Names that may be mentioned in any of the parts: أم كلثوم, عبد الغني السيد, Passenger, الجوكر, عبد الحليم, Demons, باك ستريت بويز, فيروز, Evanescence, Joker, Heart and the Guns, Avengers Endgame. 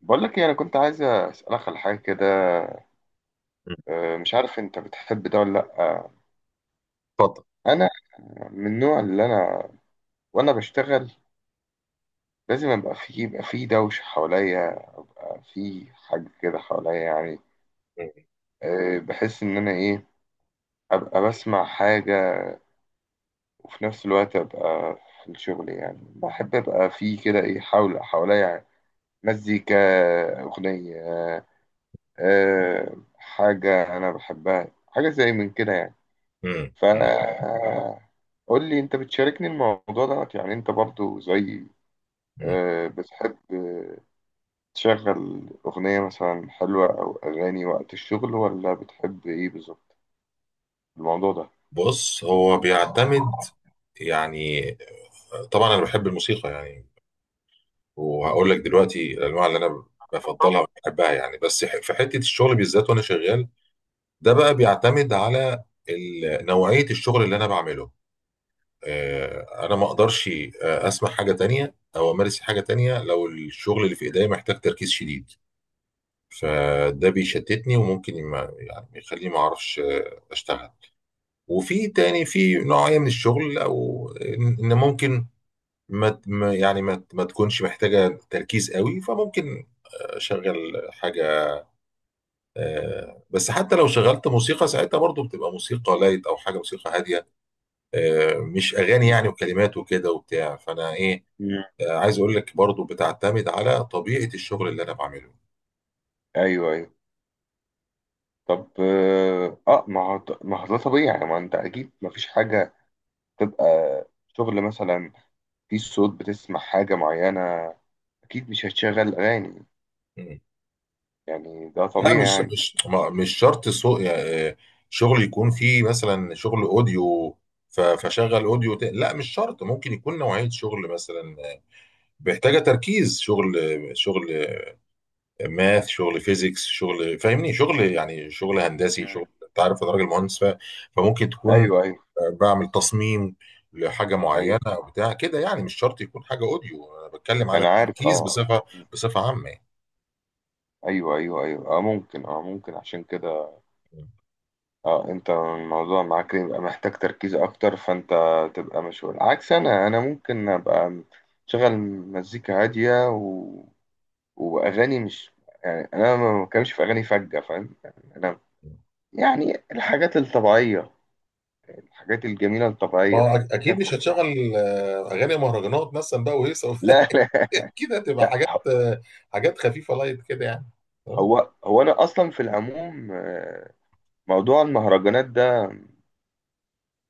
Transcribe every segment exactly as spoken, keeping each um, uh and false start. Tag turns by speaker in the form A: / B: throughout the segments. A: بقول لك ايه، انا كنت عايز اسالك على حاجه كده.
B: مم.
A: آه، مش عارف انت بتحب ده ولا لا. آه،
B: اتفضل.
A: انا من النوع اللي انا وانا بشتغل لازم ابقى في، يبقى في دوشه حواليا، في حاجه كده حواليا يعني.
B: مم.
A: آه، بحس ان انا ايه، ابقى بسمع حاجه وفي نفس الوقت ابقى في الشغل، يعني بحب ابقى في كده ايه حول حواليا، مزيكا، اغنيه. آه، حاجه انا بحبها، حاجه زي من كده يعني. ف
B: مم.
A: قول لي، انت بتشاركني الموضوع دوت، يعني انت برضو زي،
B: مم.
A: آه، بتحب آه، تشغل اغنية مثلا حلوة او اغاني وقت الشغل، ولا بتحب ايه بالظبط الموضوع ده؟
B: بص، هو بيعتمد يعني. طبعا انا بحب الموسيقى يعني، وهقول لك دلوقتي الانواع اللي انا بفضلها
A: طارق.
B: وبحبها يعني. بس ح- في حته الشغل بالذات وانا شغال، ده بقى بيعتمد على ال- نوعيه الشغل اللي انا بعمله. آه، انا ما اقدرش آه، اسمع حاجه تانية او امارس حاجه تانية لو الشغل اللي في ايديا محتاج تركيز شديد، فده بيشتتني وممكن ما يعني يخليني ما اعرفش آه، اشتغل. وفي تاني، في نوعية من الشغل او ان إن ممكن ما ت- ما- يعني ما ت- ما تكونش محتاجة تركيز قوي، فممكن اشغل حاجة. آه، بس حتى لو شغلت موسيقى ساعتها، برضو بتبقى موسيقى لايت او حاجة موسيقى هادية، آه، مش اغاني
A: مم.
B: يعني، وكلمات وكده وبتاع، فانا ايه،
A: مم.
B: آه، عايز اقول لك برضو بتعتمد على طبيعة الشغل اللي انا بعمله.
A: ايوه ايوه. طب، اه آه، ما هو ما هو ده طبيعي يعني، ما انت اكيد ما فيش حاجة تبقى شغل مثلا في صوت بتسمع حاجة معينة، اكيد مش هتشغل اغاني يعني، ده
B: لا،
A: طبيعي
B: مش
A: يعني.
B: مش ما- مش شرط سوق يعني. شغل يكون فيه مثلا شغل اوديو، ف- فشغل اوديو ت- لا مش شرط، ممكن يكون نوعية شغل مثلا آه، محتاجة تركيز. شغل شغل ماث، شغل فيزيكس، شغل فاهمني، شغل يعني شغل هندسي،
A: مم.
B: شغل انت عارف انا راجل مهندس. ف- فممكن تكون
A: ايوه ايوه
B: آه، بعمل تصميم لحاجة معينة
A: ايوه،
B: او بتاع كده يعني، مش شرط يكون حاجة اوديو، انا بتكلم على
A: انا عارف.
B: التركيز
A: اه،
B: بصفة بصفة عامة
A: ايوه ايوه ايوه، اه ممكن، اه ممكن عشان كده،
B: يعني.
A: اه، انت الموضوع معاك يبقى محتاج تركيز اكتر، فانت تبقى مشغول، عكس انا انا ممكن ابقى شغل مزيكا هاديه و... واغاني، مش يعني، انا ما بتكلمش في اغاني فجه، فاهم يعني، انا يعني الحاجات الطبيعيه، الحاجات الجميله
B: ما
A: الطبيعيه.
B: هو أك-
A: احنا
B: اكيد
A: كنا
B: مش
A: في الرحلة.
B: هتشغل آه، اغاني مهرجانات مثلا بقى وهيصه
A: لا لا
B: اكيد هتبقى
A: لا.
B: حاجات آه، حاجات خفيفه لايت كده يعني. آه.
A: هو هو انا اصلا في العموم، آه، موضوع المهرجانات ده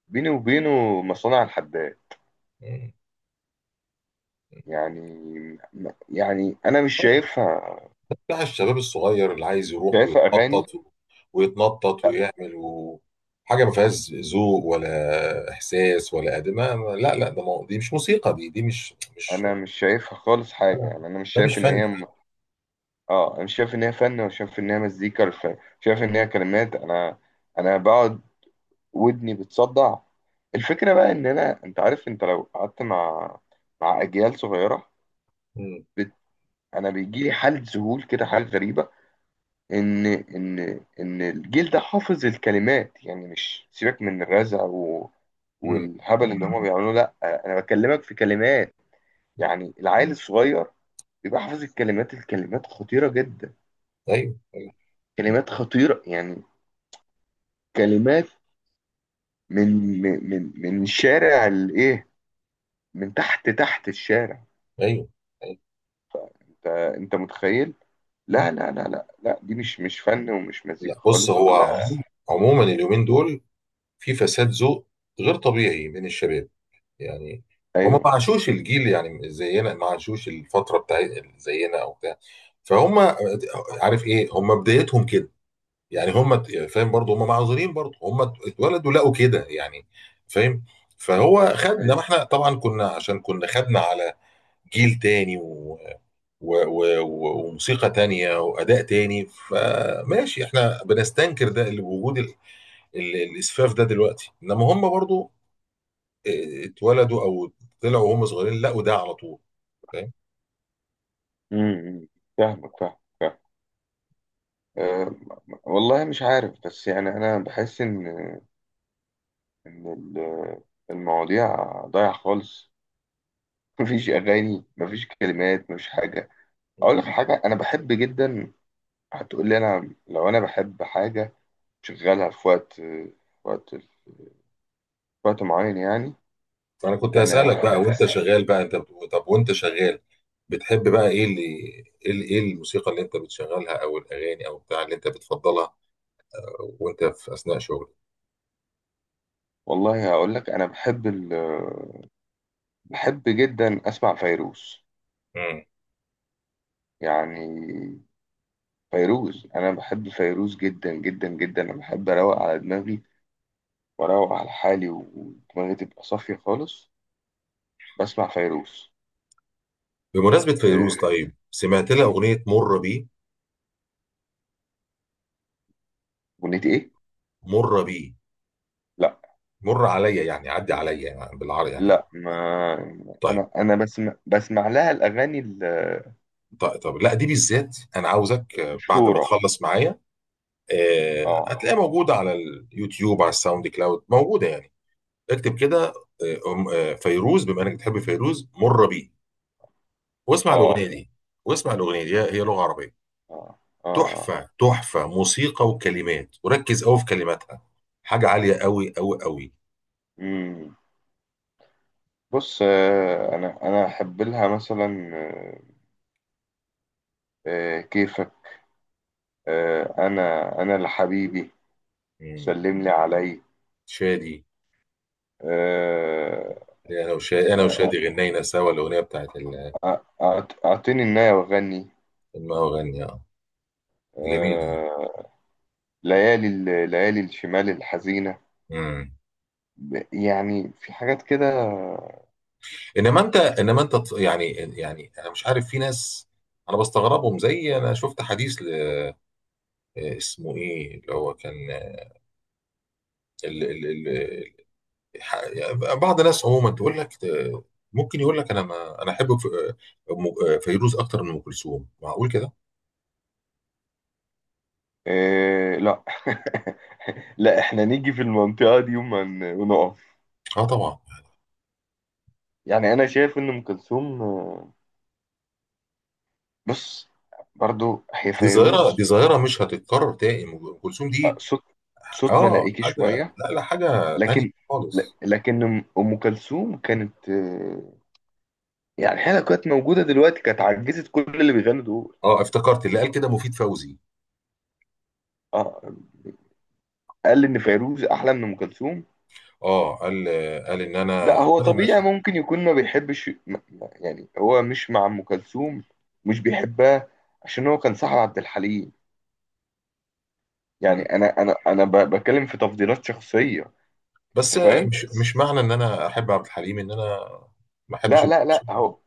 A: بيني وبينه مصانع الحداد،
B: مم.
A: يعني، يعني انا مش شايفها.
B: بتاع الشباب الصغير اللي عايز يروح
A: شايفها اغاني.
B: ويتنطط و- ويتنطط
A: لا
B: ويعمل و... حاجه ما فيهاش ذوق ولا احساس ولا ادب، ما- ما- لا لا، ده مو... دي مش موسيقى، دي دي مش مش
A: انا مش شايفها خالص حاجه، يعني انا مش
B: ده مش
A: شايف ان
B: فن
A: هي.
B: ده.
A: م... اه، انا مش شايف ان هي فن، ولا شايف ان هي مزيكا، ولا شايف شايف ان هي كلمات. انا انا بقعد ودني بتصدع. الفكره بقى ان انا انت عارف، انت لو قعدت مع، مع اجيال صغيره.
B: مم.
A: بت... انا بيجي لي حاله ذهول كده، حاله غريبه ان، ان ان الجيل ده حافظ الكلمات، يعني مش سيبك من الرزع و...
B: مم.
A: والهبل اللي هما بيعملوه، لا، انا بكلمك في كلمات. يعني العيل الصغير بيبقى حافظ الكلمات، الكلمات خطيرة جدا.
B: ايوه، ايوه،
A: كلمات خطيرة يعني، كلمات من، من من من شارع الايه، من تحت تحت الشارع.
B: ايوه، أيوة.
A: انت انت متخيل؟ لا لا لا لا لا، دي مش مش فن ومش
B: لا،
A: مزيكا
B: بص،
A: خالص
B: هو
A: ولا.
B: عموما عموماً اليومين دول في فساد ذوق غير طبيعي من الشباب يعني. هم ما
A: ايوه
B: عاشوش الجيل يعني زينا، ما عاشوش الفتره بتاع زينا او بتاع، فهم عارف ايه، هم بدايتهم كده يعني. هم ت- فاهم، برضه هم معذورين، برضه هم اتولدوا لقوا كده يعني، فاهم. فهو خدنا،
A: ايوه.
B: ما احنا طبعا كنا، عشان كنا خدنا على جيل تاني و... و... و... و- وموسيقى تانية وأداء تاني، فماشي احنا بنستنكر ده، اللي بوجود ال- الاسفاف ده دلوقتي. انما هم برضو اه، اتولدوا او طلعوا وهم صغيرين لقوا ده على طول، فاهم.
A: امم فاهمك فاهمك. أه، والله مش عارف، بس يعني أنا بحس إن، إن ال- المواضيع ضايعة خالص. مفيش أغاني، مفيش كلمات، مفيش حاجة. أقول
B: مم.
A: لك على حاجة أنا بحب جدا. هتقول لي أنا لو أنا بحب حاجة شغالها في وقت، في وقت في وقت معين يعني.
B: فانا كنت
A: أنا
B: هسألك بقى، وانت شغال بقى، انت بت- طب وانت شغال بتحب بقى ايه، اللي ايه، ال- ايه الموسيقى اللي انت بتشغلها او الاغاني او بتاع اللي انت بتفضلها وانت في اثناء شغلك؟
A: والله هقول لك، أنا بحب ال... بحب جدا أسمع فيروز،
B: مم.
A: يعني فيروز، أنا بحب فيروز جدا جدا جدا. أنا بحب أروق على دماغي وأروق على حالي ودماغي تبقى صافية خالص، بسمع فيروز.
B: بمناسبة
A: آه،
B: فيروز، طيب، سمعت لها اغنية مر بي؟
A: أغنية إيه؟
B: مر بي،
A: لا
B: مر عليا يعني، عدي عليا يعني، بالعربي يعني.
A: لا، ما
B: طيب.
A: أنا أنا بسمع بسمع لها الأغاني
B: طيب طب لا، دي بالذات انا عاوزك، اه، بعد ما
A: المشهورة.
B: تخلص معايا، آه،
A: آه
B: هتلاقيها موجودة على اليوتيوب، على الساوند كلاود موجودة يعني. اكتب كده، آه، أم- آه، فيروز، بما انك بتحب فيروز، مر بيه. واسمع الأغنية
A: آه
B: دي واسمع الأغنية دي، هي هي لغة عربية
A: آه آه
B: تحفة، تحفة موسيقى وكلمات، وركز قوي في كلماتها، حاجة عالية قوي قوي قوي.
A: مم. بص، آه، أنا أنا أحب لها مثلا، آه، آه، كيفك، آه، أنا أنا لحبيبي،
B: مم.
A: سلم لي علي،
B: شادي،
A: آه،
B: انا وشادي انا
A: آه،
B: وشادي غنينا سوا الأغنية بتاعت ال-
A: أعط- أعطيني النايه وغني،
B: ما أغني، اه، جميل.
A: ليالي ال- ليالي الشمال الحزينة.
B: مم.
A: ب- يعني في حاجات كده.
B: انما انت انما انت ت- يعني يعني انا مش عارف، في ناس انا بستغربهم، زي انا شفت حديث آه، اسمه ايه، اللي هو كان آه، ال ال ال ال- ح- يعني بعض الناس عموما تقول لك، ت- ممكن يقول لك انا، ما انا احب ف- آه، م- آه، فيروز اكتر من ام كلثوم. معقول كده؟
A: آه لا. لا، احنا نيجي في المنطقة دي وما ن- ونقف.
B: اه طبعا،
A: يعني انا شايف ان ام كلثوم، آه، بص، برضو هي
B: دي ظاهره
A: فيروز،
B: دي ظاهره مش هتتكرر تاني، ام كلثوم
A: آه،
B: دي.
A: صوت صوت
B: اه
A: ملائكي
B: حاجه،
A: شوية.
B: لا لا، حاجه تانية
A: لكن ل-
B: خالص.
A: لكن ام أم كلثوم كانت، آه، يعني هي لو كانت موجودة دلوقتي كانت عجزت كل اللي بيغنوا دول.
B: اه، افتكرت اللي قال كده مفيد فوزي.
A: اه، قال ان فيروز احلى من ام كلثوم.
B: اه، قال قال ان
A: لا
B: انا
A: هو
B: وانا
A: طبيعي،
B: ماشي.
A: ممكن يكون ما بيحبش، م- م- يعني هو مش مع ام كلثوم، مش بيحبها، عشان هو كان صاحب عبد الحليم. يعني
B: مم.
A: انا انا انا ب- بتكلم في تفضيلات شخصيه، انت
B: بس
A: فاهم.
B: مش مش معنى ان انا احب عبد الحليم ان انا ما احبش.
A: لا لا لا، هو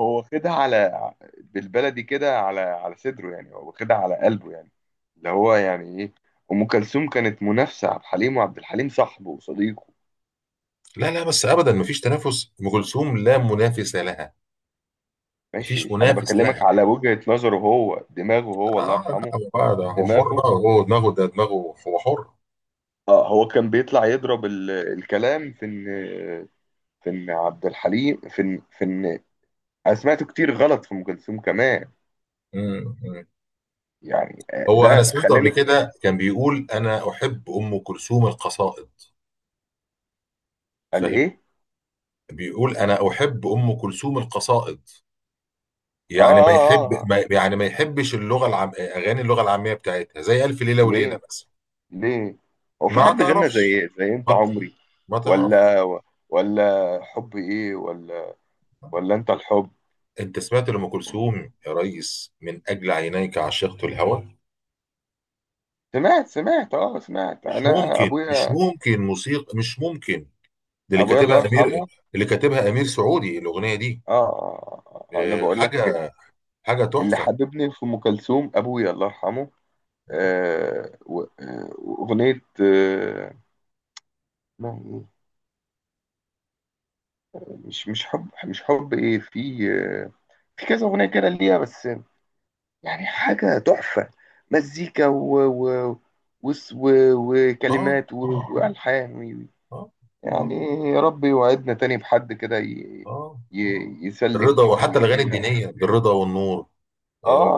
A: هو واخدها على، بالبلدي كده، على على صدره، يعني هو واخدها على قلبه يعني، اللي هو يعني ايه، ام كلثوم كانت منافسه عبد الحليم، وعبد الحليم صاحبه وصديقه.
B: لا لا، بس ابدا، مفيش تنافس، ام كلثوم لا منافس لها، مفيش
A: ماشي، انا
B: منافس لها.
A: بكلمك على وجهه نظره هو، دماغه هو الله
B: اه
A: يرحمه،
B: لا، هو بقى ده، هو حر
A: دماغه.
B: بقى، هو دماغه، ده دماغه، هو حر.
A: اه، هو كان بيطلع يضرب ال... الكلام في ان، في ان عبد الحليم، في ان في ان انا سمعته كتير غلط في ام كلثوم كمان.
B: مم، مم.
A: يعني آه،
B: هو انا
A: ده
B: سمعته قبل
A: خلاني.
B: كده كان بيقول انا احب ام كلثوم القصائد،
A: قال
B: فاهم؟
A: ايه؟
B: بيقول انا احب ام كلثوم القصائد،
A: اه
B: يعني ما
A: اه اه،
B: يحب،
A: آه،
B: ما يعني ما يحبش اللغه العام، اغاني اللغه العاميه بتاعتها، زي الف ليله وليله
A: ليه؟
B: مثلا.
A: ليه؟ هو في
B: ما
A: حد غنى زي
B: تعرفش،
A: إيه؟ زي انت
B: ما
A: عمري،
B: ما تعرفش،
A: ولا ولا حب ايه، ولا ولا انت الحب؟
B: انت سمعت لأم كلثوم يا ريس من اجل عينيك عشقت الهوى؟
A: سمعت سمعت اه سمعت،
B: مش
A: انا
B: ممكن، مش
A: ابويا،
B: ممكن، موسيقى مش ممكن. ده اللي
A: ابويا الله
B: كاتبها امير،
A: يرحمه.
B: اللي كاتبها امير سعودي الاغنيه دي.
A: اه، آه، آه، آه، انا
B: آه،
A: بقول لك،
B: حاجه حاجه
A: اللي
B: تحفه.
A: حببني في ام كلثوم ابويا الله يرحمه. آه، و- آه، وأغنية، آه، اسمها إيه؟ مش مش حب مش حب إيه، في، آه، في كذا أغنية كده ليها بس، يعني حاجة تحفة، مزيكا و و وس- و-
B: اه
A: وكلمات و- وألحان و-
B: اه
A: يعني. يا رب يوعدنا تاني بحد كده، ي-
B: اه،
A: ي- يسلك
B: الرضا، وحتى الاغاني
A: ويدينا. آه
B: الدينيه، بالرضا والنور،
A: آه،
B: آه،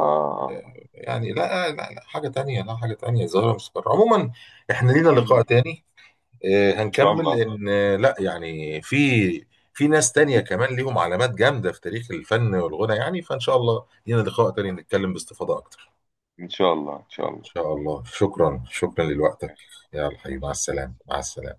A: آه.
B: يعني لا لا لا، حاجه تانية، لا حاجه تانية، زهره مستمر عموما. احنا لينا لقاء
A: إن
B: تاني، آه،
A: شاء
B: هنكمل،
A: الله
B: لان آه، لا يعني في في ناس تانية كمان ليهم علامات جامدة في تاريخ الفن والغنى يعني. فإن شاء الله لينا لقاء تاني نتكلم باستفاضة أكتر.
A: إن شاء الله إن شاء
B: إن
A: الله.
B: شاء الله، شكرا، شكرا لوقتك.
A: ماشي
B: يلا حبيبي، مع
A: ماشي.
B: السلامة، مع السلامة.